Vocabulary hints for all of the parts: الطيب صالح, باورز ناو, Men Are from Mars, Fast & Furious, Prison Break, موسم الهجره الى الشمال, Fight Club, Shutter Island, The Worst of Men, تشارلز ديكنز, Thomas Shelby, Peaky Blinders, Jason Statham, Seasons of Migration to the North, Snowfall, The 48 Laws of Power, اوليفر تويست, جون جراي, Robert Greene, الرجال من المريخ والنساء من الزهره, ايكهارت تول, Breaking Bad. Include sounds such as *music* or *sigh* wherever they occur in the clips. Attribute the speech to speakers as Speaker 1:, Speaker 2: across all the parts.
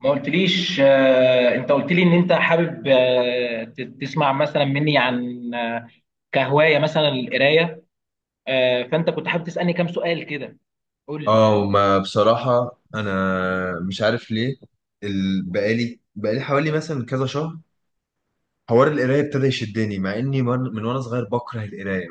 Speaker 1: ما قلتليش انت قلت لي ان انت حابب تسمع مثلا مني عن كهوايه مثلا القرايه. فانت كنت حابب تسالني كام سؤال كده. قول لي.
Speaker 2: اه، ما بصراحة أنا مش عارف ليه. بقالي حوالي مثلا كذا شهر حوار القراية ابتدى يشدني، مع إني من وأنا صغير بكره القراية.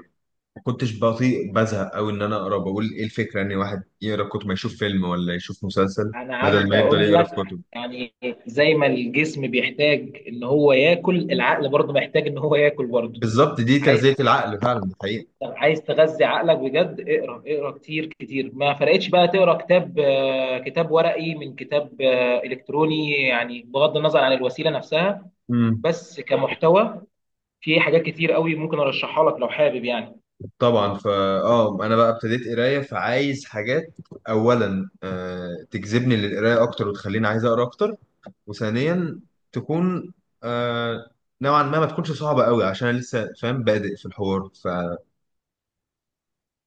Speaker 2: ما كنتش بطيء بزهق أوي إن أنا أقرأ. بقول إيه الفكرة إن واحد يقرأ كتب، ما يشوف فيلم ولا يشوف مسلسل
Speaker 1: انا
Speaker 2: بدل
Speaker 1: عايز
Speaker 2: ما يفضل
Speaker 1: اقول
Speaker 2: يقرأ في
Speaker 1: لك،
Speaker 2: كتب.
Speaker 1: يعني زي ما الجسم بيحتاج ان هو ياكل، العقل برضه محتاج ان هو ياكل برضه.
Speaker 2: بالظبط، دي
Speaker 1: عايز،
Speaker 2: تغذية العقل فعلا، دي حقيقة.
Speaker 1: طب عايز تغذي عقلك بجد اقرا، اقرا كتير ما فرقتش بقى تقرا كتاب كتاب ورقي من كتاب الكتروني، يعني بغض النظر عن الوسيله نفسها،
Speaker 2: امم
Speaker 1: بس كمحتوى. في حاجات كتير قوي ممكن ارشحها لك لو حابب، يعني
Speaker 2: طبعا. فا اه انا بقى ابتديت قرايه، فعايز حاجات، اولا تجذبني للقرايه اكتر وتخليني عايز اقرا اكتر، وثانيا تكون آه نوعا ما ما تكونش صعبة قوي، عشان انا لسه فاهم بادئ في الحوار. ف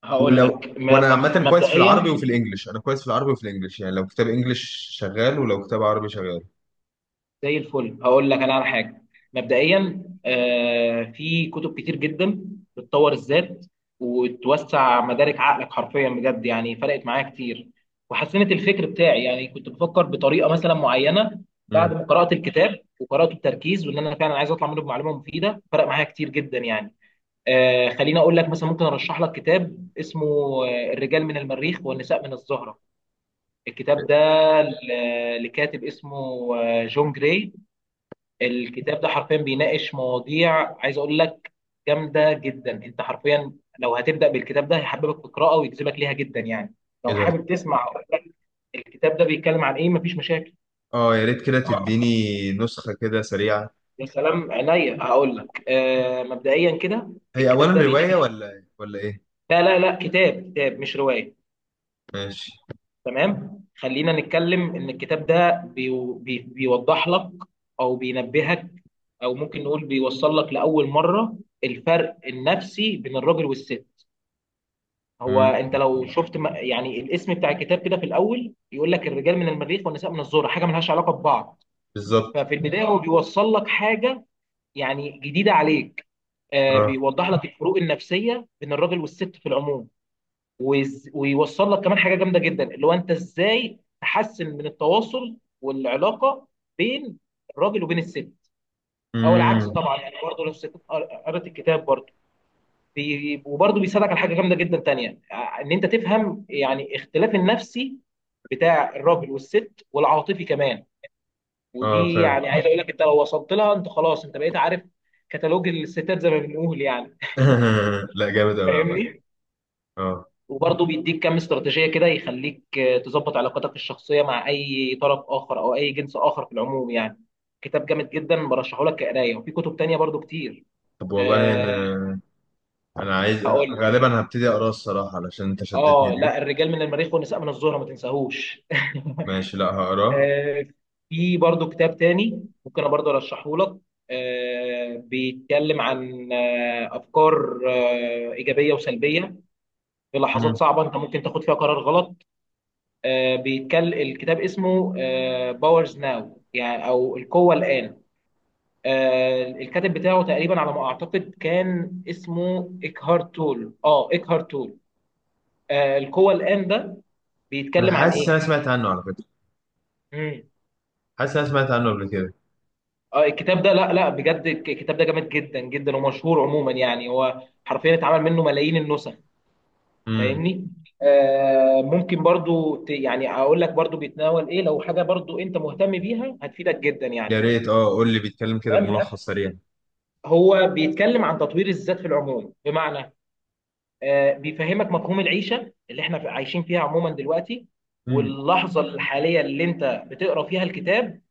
Speaker 1: هقول
Speaker 2: ولو،
Speaker 1: لك
Speaker 2: وانا عامة كويس في العربي
Speaker 1: مبدئيا.
Speaker 2: وفي الانجليش. انا كويس في العربي وفي الانجليش، يعني لو كتاب انجليش شغال، ولو كتاب عربي شغال.
Speaker 1: زي الفل، هقول لك انا على حاجه. مبدئيا في كتب كتير جدا بتطور الذات وتوسع مدارك عقلك حرفيا، بجد يعني فرقت معايا كتير وحسنت الفكر بتاعي. يعني كنت بفكر بطريقه مثلا معينه، بعد
Speaker 2: امم
Speaker 1: ما قرات الكتاب وقراته بتركيز وان انا فعلا عايز اطلع منه بمعلومه مفيده، فرق معايا كتير جدا يعني. آه، خليني اقول لك مثلا، ممكن ارشح لك كتاب اسمه الرجال من المريخ والنساء من الزهره. الكتاب ده لكاتب اسمه جون جراي. الكتاب ده حرفيا بيناقش مواضيع، عايز اقول لك جامده جدا. انت حرفيا لو هتبدا بالكتاب ده هيحببك في القراءه ويجذبك ليها جدا يعني. لو
Speaker 2: ايه ده؟
Speaker 1: حابب تسمع أقول لك الكتاب ده بيتكلم عن ايه، مفيش مشاكل.
Speaker 2: اه يا ريت كده تديني نسخة كده سريعة.
Speaker 1: يا سلام، عينيا. هقول لك آه، مبدئيا كده،
Speaker 2: هي اولا
Speaker 1: الكتاب ده
Speaker 2: رواية
Speaker 1: بيناقش،
Speaker 2: ولا ايه؟
Speaker 1: لا لا لا، كتاب كتاب مش روايه.
Speaker 2: ماشي.
Speaker 1: تمام، خلينا نتكلم ان الكتاب ده بيو- بي بيوضح لك، او بينبهك، او ممكن نقول بيوصل لك لاول مره الفرق النفسي بين الراجل والست. هو
Speaker 2: امم
Speaker 1: انت لو شفت يعني الاسم بتاع الكتاب كده في الاول، يقول لك الرجال من المريخ والنساء من الذره، حاجه ملهاش علاقه ببعض.
Speaker 2: بالظبط.
Speaker 1: ففي البدايه هو بيوصل لك حاجه يعني جديده عليك.
Speaker 2: اه.
Speaker 1: بيوضح لك الفروق النفسيه بين الراجل والست في العموم، ويوصل لك كمان حاجه جامده جدا اللي هو انت ازاي تحسن من التواصل والعلاقه بين الراجل وبين الست، او العكس
Speaker 2: امم
Speaker 1: طبعا، يعني برضه لو الست قرأت الكتاب برضه. وبرضه بيساعدك على حاجه جامده جدا تانيه، ان انت تفهم يعني اختلاف النفسي بتاع الراجل والست والعاطفي كمان.
Speaker 2: اه
Speaker 1: ودي
Speaker 2: فاهم.
Speaker 1: يعني عايز اقول لك انت لو وصلت لها انت خلاص انت بقيت عارف كتالوج الستات زي ما بنقول يعني.
Speaker 2: *laughs* لا جامد قوي يا عم.
Speaker 1: فاهمني؟
Speaker 2: اه
Speaker 1: وبرضه بيديك كام استراتيجية كده يخليك تظبط علاقاتك الشخصية مع أي طرف آخر أو أي جنس آخر في العموم يعني. كتاب جامد جدا برشحه لك كقراية، وفي كتب تانية برضه كتير.
Speaker 2: طب والله
Speaker 1: أه،
Speaker 2: انا، انا عايز،
Speaker 1: هقول،
Speaker 2: غالبا هبتدي اقراه الصراحه، علشان انت شدتني
Speaker 1: اه، لا
Speaker 2: ليه.
Speaker 1: الرجال من المريخ والنساء من الزهرة ما تنساهوش. *laughs*
Speaker 2: ماشي، لا هقراه.
Speaker 1: آه، في برضو كتاب تاني ممكن انا برضو ارشحه لك، بيتكلم عن افكار ايجابيه وسلبيه في لحظات
Speaker 2: امم
Speaker 1: صعبه انت ممكن تاخد فيها قرار غلط. بيتكلم، الكتاب اسمه باورز ناو، يعني او القوه الان. الكاتب بتاعه تقريبا على ما اعتقد كان اسمه ايكهارت تول، اه ايكهارت تول. القوه الان ده
Speaker 2: انا
Speaker 1: بيتكلم عن
Speaker 2: حاسس إن
Speaker 1: ايه؟
Speaker 2: انا سمعت عنه على فكره،
Speaker 1: امم،
Speaker 2: حاسس إن انا سمعت عنه قبل كده.
Speaker 1: اه، الكتاب ده، لا لا، بجد الكتاب ده جامد جدا جدا ومشهور عموما، يعني هو حرفيا اتعمل منه ملايين النسخ.
Speaker 2: امم
Speaker 1: فاهمني؟ آه، ممكن برضو يعني اقول لك برضو بيتناول ايه، لو حاجه برضو انت مهتم بيها هتفيدك جدا يعني.
Speaker 2: يا ريت، اه قول لي بيتكلم كده
Speaker 1: تمام،
Speaker 2: بملخص سريع.
Speaker 1: هو بيتكلم عن تطوير الذات في العموم، بمعنى بيفهمك مفهوم العيشه اللي احنا عايشين فيها عموما دلوقتي،
Speaker 2: امم
Speaker 1: واللحظه الحاليه اللي انت بتقرا فيها الكتاب.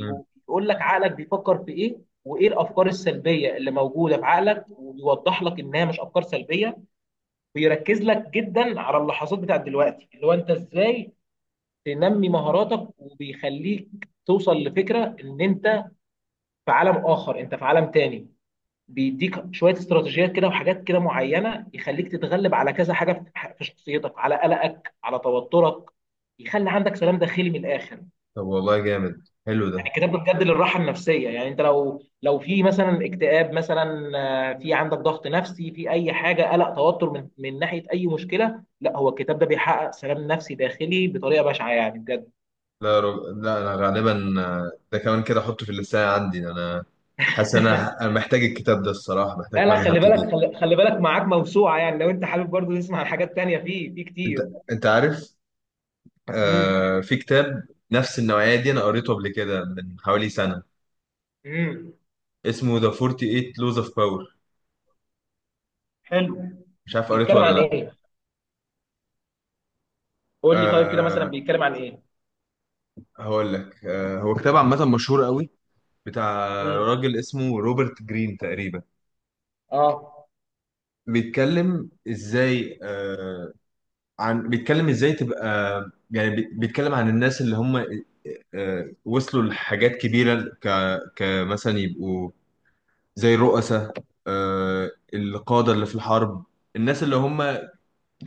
Speaker 2: امم
Speaker 1: بيقول لك عقلك بيفكر في ايه، وايه الافكار السلبيه اللي موجوده في عقلك، وبيوضح لك انها مش افكار سلبيه. بيركز لك جدا على اللحظات بتاعت دلوقتي، اللي هو انت ازاي تنمي مهاراتك، وبيخليك توصل لفكره ان انت في عالم اخر، انت في عالم تاني. بيديك شويه استراتيجيات كده وحاجات كده معينه، يخليك تتغلب على كذا حاجه في شخصيتك، على قلقك، على توترك، يخلي عندك سلام داخلي من الاخر.
Speaker 2: طب والله جامد، حلو
Speaker 1: يعني
Speaker 2: ده.
Speaker 1: الكتاب ده بجد للراحه النفسيه، يعني انت لو، لو في مثلا اكتئاب مثلا، في عندك ضغط نفسي في اي حاجه، قلق، توتر من ناحيه اي مشكله، لا هو الكتاب ده بيحقق سلام نفسي داخلي بطريقه بشعه، يعني بجد.
Speaker 2: لا انا غالبا ده كمان كده احطه في اللسان عندي. حاسس إن انا محتاج الكتاب ده الصراحه،
Speaker 1: لا
Speaker 2: محتاج
Speaker 1: لا،
Speaker 2: فعلا،
Speaker 1: خلي
Speaker 2: هبتدي.
Speaker 1: بالك، خلي بالك معاك موسوعه، يعني لو انت حابب برضه تسمع حاجات تانيه، فيه في
Speaker 2: انت،
Speaker 1: كتير.
Speaker 2: انت عارف،
Speaker 1: امم،
Speaker 2: آه، في كتاب نفس النوعيه دي انا قريته قبل كده من حوالي سنه،
Speaker 1: امم،
Speaker 2: اسمه The 48 Laws of Power.
Speaker 1: حلو.
Speaker 2: مش عارف قريته
Speaker 1: بيتكلم
Speaker 2: ولا
Speaker 1: عن
Speaker 2: لا.
Speaker 1: ايه؟ قول لي طيب كده مثلا
Speaker 2: أه
Speaker 1: بيتكلم عن ايه.
Speaker 2: هقول لك، أه هو كتاب عامة مشهور قوي، بتاع
Speaker 1: امم،
Speaker 2: راجل اسمه روبرت جرين تقريبا.
Speaker 1: اه،
Speaker 2: بيتكلم ازاي، بيتكلم ازاي تبقى، يعني بيتكلم عن الناس اللي هم، أه، وصلوا لحاجات كبيرة، كمثلا يبقوا زي الرؤساء، أه، القادة اللي في الحرب، الناس اللي هم،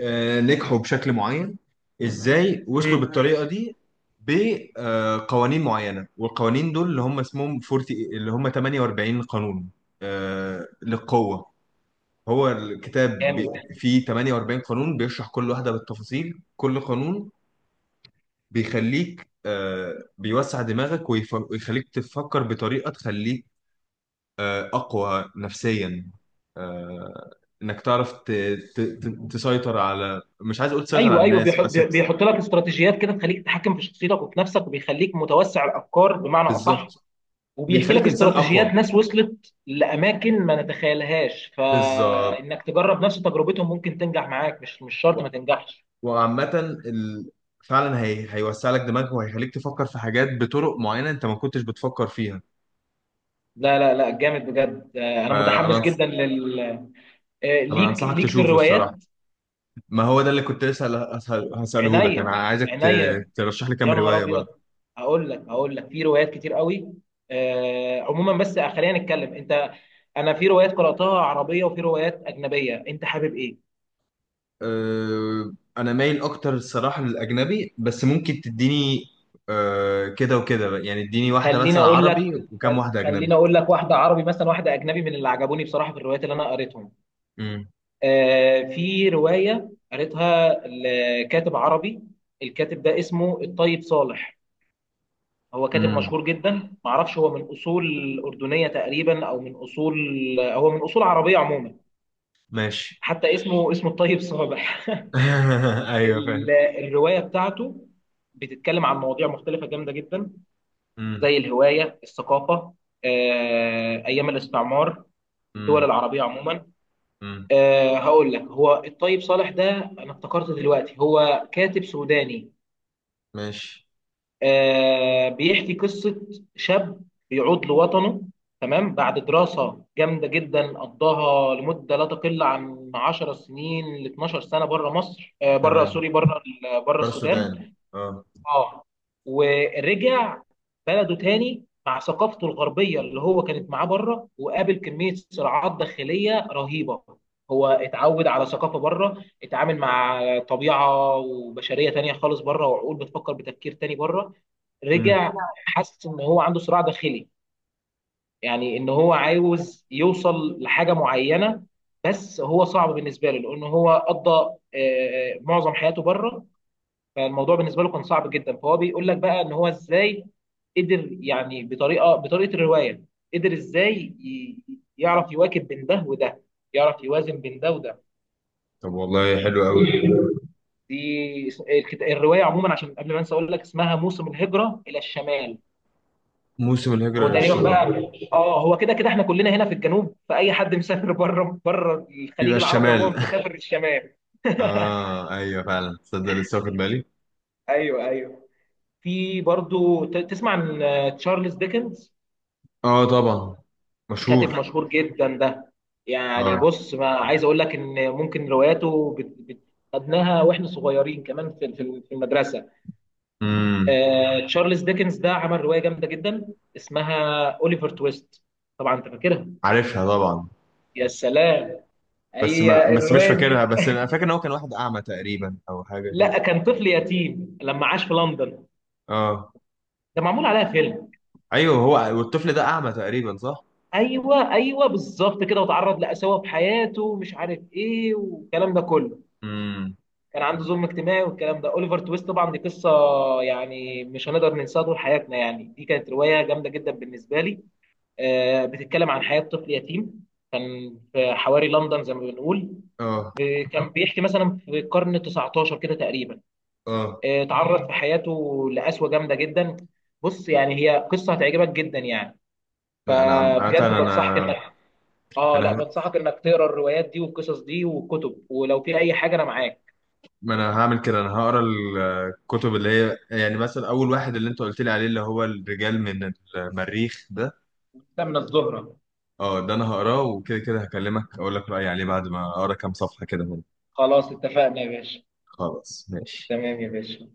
Speaker 2: نجحوا بشكل معين. ازاي وصلوا
Speaker 1: امم،
Speaker 2: بالطريقه دي؟ بقوانين معينه، والقوانين دول اللي هم اسمهم 40، اللي هم 48 قانون، آه، للقوه. هو الكتاب بي-
Speaker 1: جامد.
Speaker 2: فيه 48 قانون، بيشرح كل واحده بالتفاصيل، كل قانون بيخليك، بيوسع دماغك، ويخليك تفكر بطريقه تخليك اقوى نفسيا، آه، انك تعرف تسيطر على، مش عايز اقول تسيطر
Speaker 1: ايوه
Speaker 2: على
Speaker 1: ايوه،
Speaker 2: الناس بس.
Speaker 1: بيحط لك استراتيجيات كده تخليك تتحكم في شخصيتك وفي نفسك، وبيخليك متوسع الافكار بمعنى اصح.
Speaker 2: بالظبط،
Speaker 1: وبيحكي لك
Speaker 2: بيخليك انسان
Speaker 1: استراتيجيات
Speaker 2: اقوى.
Speaker 1: ناس وصلت لاماكن ما نتخيلهاش،
Speaker 2: بالظبط.
Speaker 1: فانك تجرب نفس تجربتهم ممكن تنجح معاك، مش شرط
Speaker 2: و-
Speaker 1: ما تنجحش.
Speaker 2: وعامه، ال... فعلا هيوسع لك دماغك وهيخليك تفكر في حاجات بطرق معينه انت ما كنتش بتفكر فيها.
Speaker 1: لا لا لا، جامد بجد. انا متحمس
Speaker 2: فانا،
Speaker 1: جدا لل،
Speaker 2: انا
Speaker 1: ليك
Speaker 2: انصحك
Speaker 1: ليك في
Speaker 2: تشوفه
Speaker 1: الروايات.
Speaker 2: الصراحه. ما هو ده اللي كنت لسه هساله لك. انا
Speaker 1: عينيا،
Speaker 2: عايزك
Speaker 1: عينيا.
Speaker 2: ترشح لي كام
Speaker 1: يا نهار
Speaker 2: روايه
Speaker 1: ابيض،
Speaker 2: برضه.
Speaker 1: هقول لك، هقول لك في روايات كتير قوي آه عموما، بس خلينا نتكلم انت، انا في روايات قراتها عربيه وفي روايات اجنبيه، انت حابب ايه؟
Speaker 2: أه، انا مايل اكتر الصراحه للاجنبي، بس ممكن تديني أه كده وكده بقى. يعني اديني واحده
Speaker 1: خليني
Speaker 2: مثلا
Speaker 1: اقول لك،
Speaker 2: عربي وكام واحده
Speaker 1: خليني
Speaker 2: اجنبي.
Speaker 1: اقول لك واحده عربي مثلا واحده اجنبي من اللي عجبوني بصراحه في الروايات اللي انا قريتهم.
Speaker 2: امم
Speaker 1: آه، في روايه قريتها لكاتب عربي، الكاتب ده اسمه الطيب صالح. هو كاتب
Speaker 2: امم
Speaker 1: مشهور جدا، معرفش هو من اصول اردنيه تقريبا او من اصول، هو من اصول عربيه عموما.
Speaker 2: ماشي.
Speaker 1: حتى اسمه، اسمه الطيب صابح.
Speaker 2: *laughs*
Speaker 1: *laughs*
Speaker 2: ايوه
Speaker 1: ال- الروايه بتاعته بتتكلم عن مواضيع مختلفه جامده جدا،
Speaker 2: فاهم.
Speaker 1: زي الهوايه، الثقافه، ايام الاستعمار، الدول
Speaker 2: امم
Speaker 1: العربيه عموما.
Speaker 2: امم
Speaker 1: هقول لك، هو الطيب صالح ده، انا افتكرت دلوقتي هو كاتب سوداني.
Speaker 2: ماشي
Speaker 1: آه بيحكي قصة شاب بيعود لوطنه، تمام، بعد دراسة جامدة جدا قضاها لمدة لا تقل عن 10 سنين ل 12 سنة بره مصر، آه بره
Speaker 2: تمام.
Speaker 1: سوري، بره بره
Speaker 2: بارسودان،
Speaker 1: السودان.
Speaker 2: اه.
Speaker 1: اه، ورجع بلده تاني مع ثقافته الغربية اللي هو كانت معاه بره، وقابل كمية صراعات داخلية رهيبة. هو اتعود على ثقافة بره، اتعامل مع طبيعة وبشرية تانية خالص بره، وعقول بتفكر بتفكير تاني بره،
Speaker 2: امم
Speaker 1: رجع. حس ان هو عنده صراع داخلي، يعني ان هو عاوز يوصل لحاجه معينه، بس هو صعب بالنسبه له لان هو قضى معظم حياته بره. فالموضوع بالنسبه له كان صعب جدا، فهو بيقول لك بقى ان هو ازاي قدر يعني بطريقه، الروايه قدر ازاي يعرف يواكب بين ده وده، يعرف يوازن بين ده وده.
Speaker 2: طب والله حلو قوي.
Speaker 1: دي الروايه عموما عشان قبل ما انسى اقول لك اسمها موسم الهجره الى الشمال.
Speaker 2: موسم
Speaker 1: هو
Speaker 2: الهجرة
Speaker 1: تقريبا
Speaker 2: للشمال
Speaker 1: بقى، اه هو كده كده احنا كلنا هنا في الجنوب، فاي حد مسافر *laughs* بره، بره
Speaker 2: بيبقى
Speaker 1: الخليج العربي
Speaker 2: الشمال.
Speaker 1: عموما
Speaker 2: *laughs*
Speaker 1: مسافر الشمال.
Speaker 2: اه ايوه فعلا، تصدق لسه واخد بالي.
Speaker 1: ايوه ايوه. في برضو تسمع عن تشارلز ديكنز،
Speaker 2: اه طبعا،
Speaker 1: كاتب
Speaker 2: مشهور.
Speaker 1: مشهور جدا ده. يعني
Speaker 2: اه
Speaker 1: بص، ما عايز اقول لك ان ممكن رواياته خدناها واحنا صغيرين كمان في في المدرسه.
Speaker 2: امم
Speaker 1: تشارلز ديكنز ده عمل روايه جامده جدا اسمها اوليفر تويست، طبعا انت فاكرها.
Speaker 2: عارفها طبعا.
Speaker 1: يا سلام،
Speaker 2: بس ما
Speaker 1: هي
Speaker 2: بس مش
Speaker 1: الروايه
Speaker 2: فاكرها،
Speaker 1: دي،
Speaker 2: بس انا فاكر ان هو كان واحد اعمى تقريبا، او حاجه كده.
Speaker 1: لا كان طفل يتيم لما عاش في لندن.
Speaker 2: اه
Speaker 1: ده معمول عليها فيلم.
Speaker 2: ايوه هو، والطفل ده اعمى تقريبا، صح؟
Speaker 1: ايوه ايوه بالظبط كده، وتعرض لقساوه في حياته ومش عارف ايه والكلام ده كله،
Speaker 2: امم
Speaker 1: كان عنده ظلم اجتماعي والكلام ده. اوليفر تويست طبعا دي قصه يعني مش هنقدر ننساها طول حياتنا، يعني دي كانت روايه جامده جدا بالنسبه لي. آه بتتكلم عن حياه طفل يتيم كان في حواري لندن زي ما بنقول.
Speaker 2: اه.
Speaker 1: آه كان بيحكي مثلا في القرن 19 كده تقريبا،
Speaker 2: اه
Speaker 1: اتعرض في حياته لقسوه جامده جدا. بص يعني هي قصه هتعجبك جدا يعني.
Speaker 2: لا انا
Speaker 1: فبجد بنصحك
Speaker 2: انا
Speaker 1: انك، اه لا
Speaker 2: انا،
Speaker 1: بنصحك انك تقرا الروايات دي والقصص دي والكتب، ولو في اي حاجه انا معاك.
Speaker 2: ما انا هعمل كده، انا هقرا الكتب اللي هي يعني، مثلا اول واحد اللي انت قلت لي عليه، اللي هو الرجال من المريخ ده.
Speaker 1: من الزهره.
Speaker 2: اه ده انا هقراه، وكده كده هكلمك اقول لك رايي عليه بعد ما اقرا كام صفحه كده منه.
Speaker 1: خلاص اتفقنا يا باشا.
Speaker 2: خلاص ماشي.
Speaker 1: تمام يا باشا.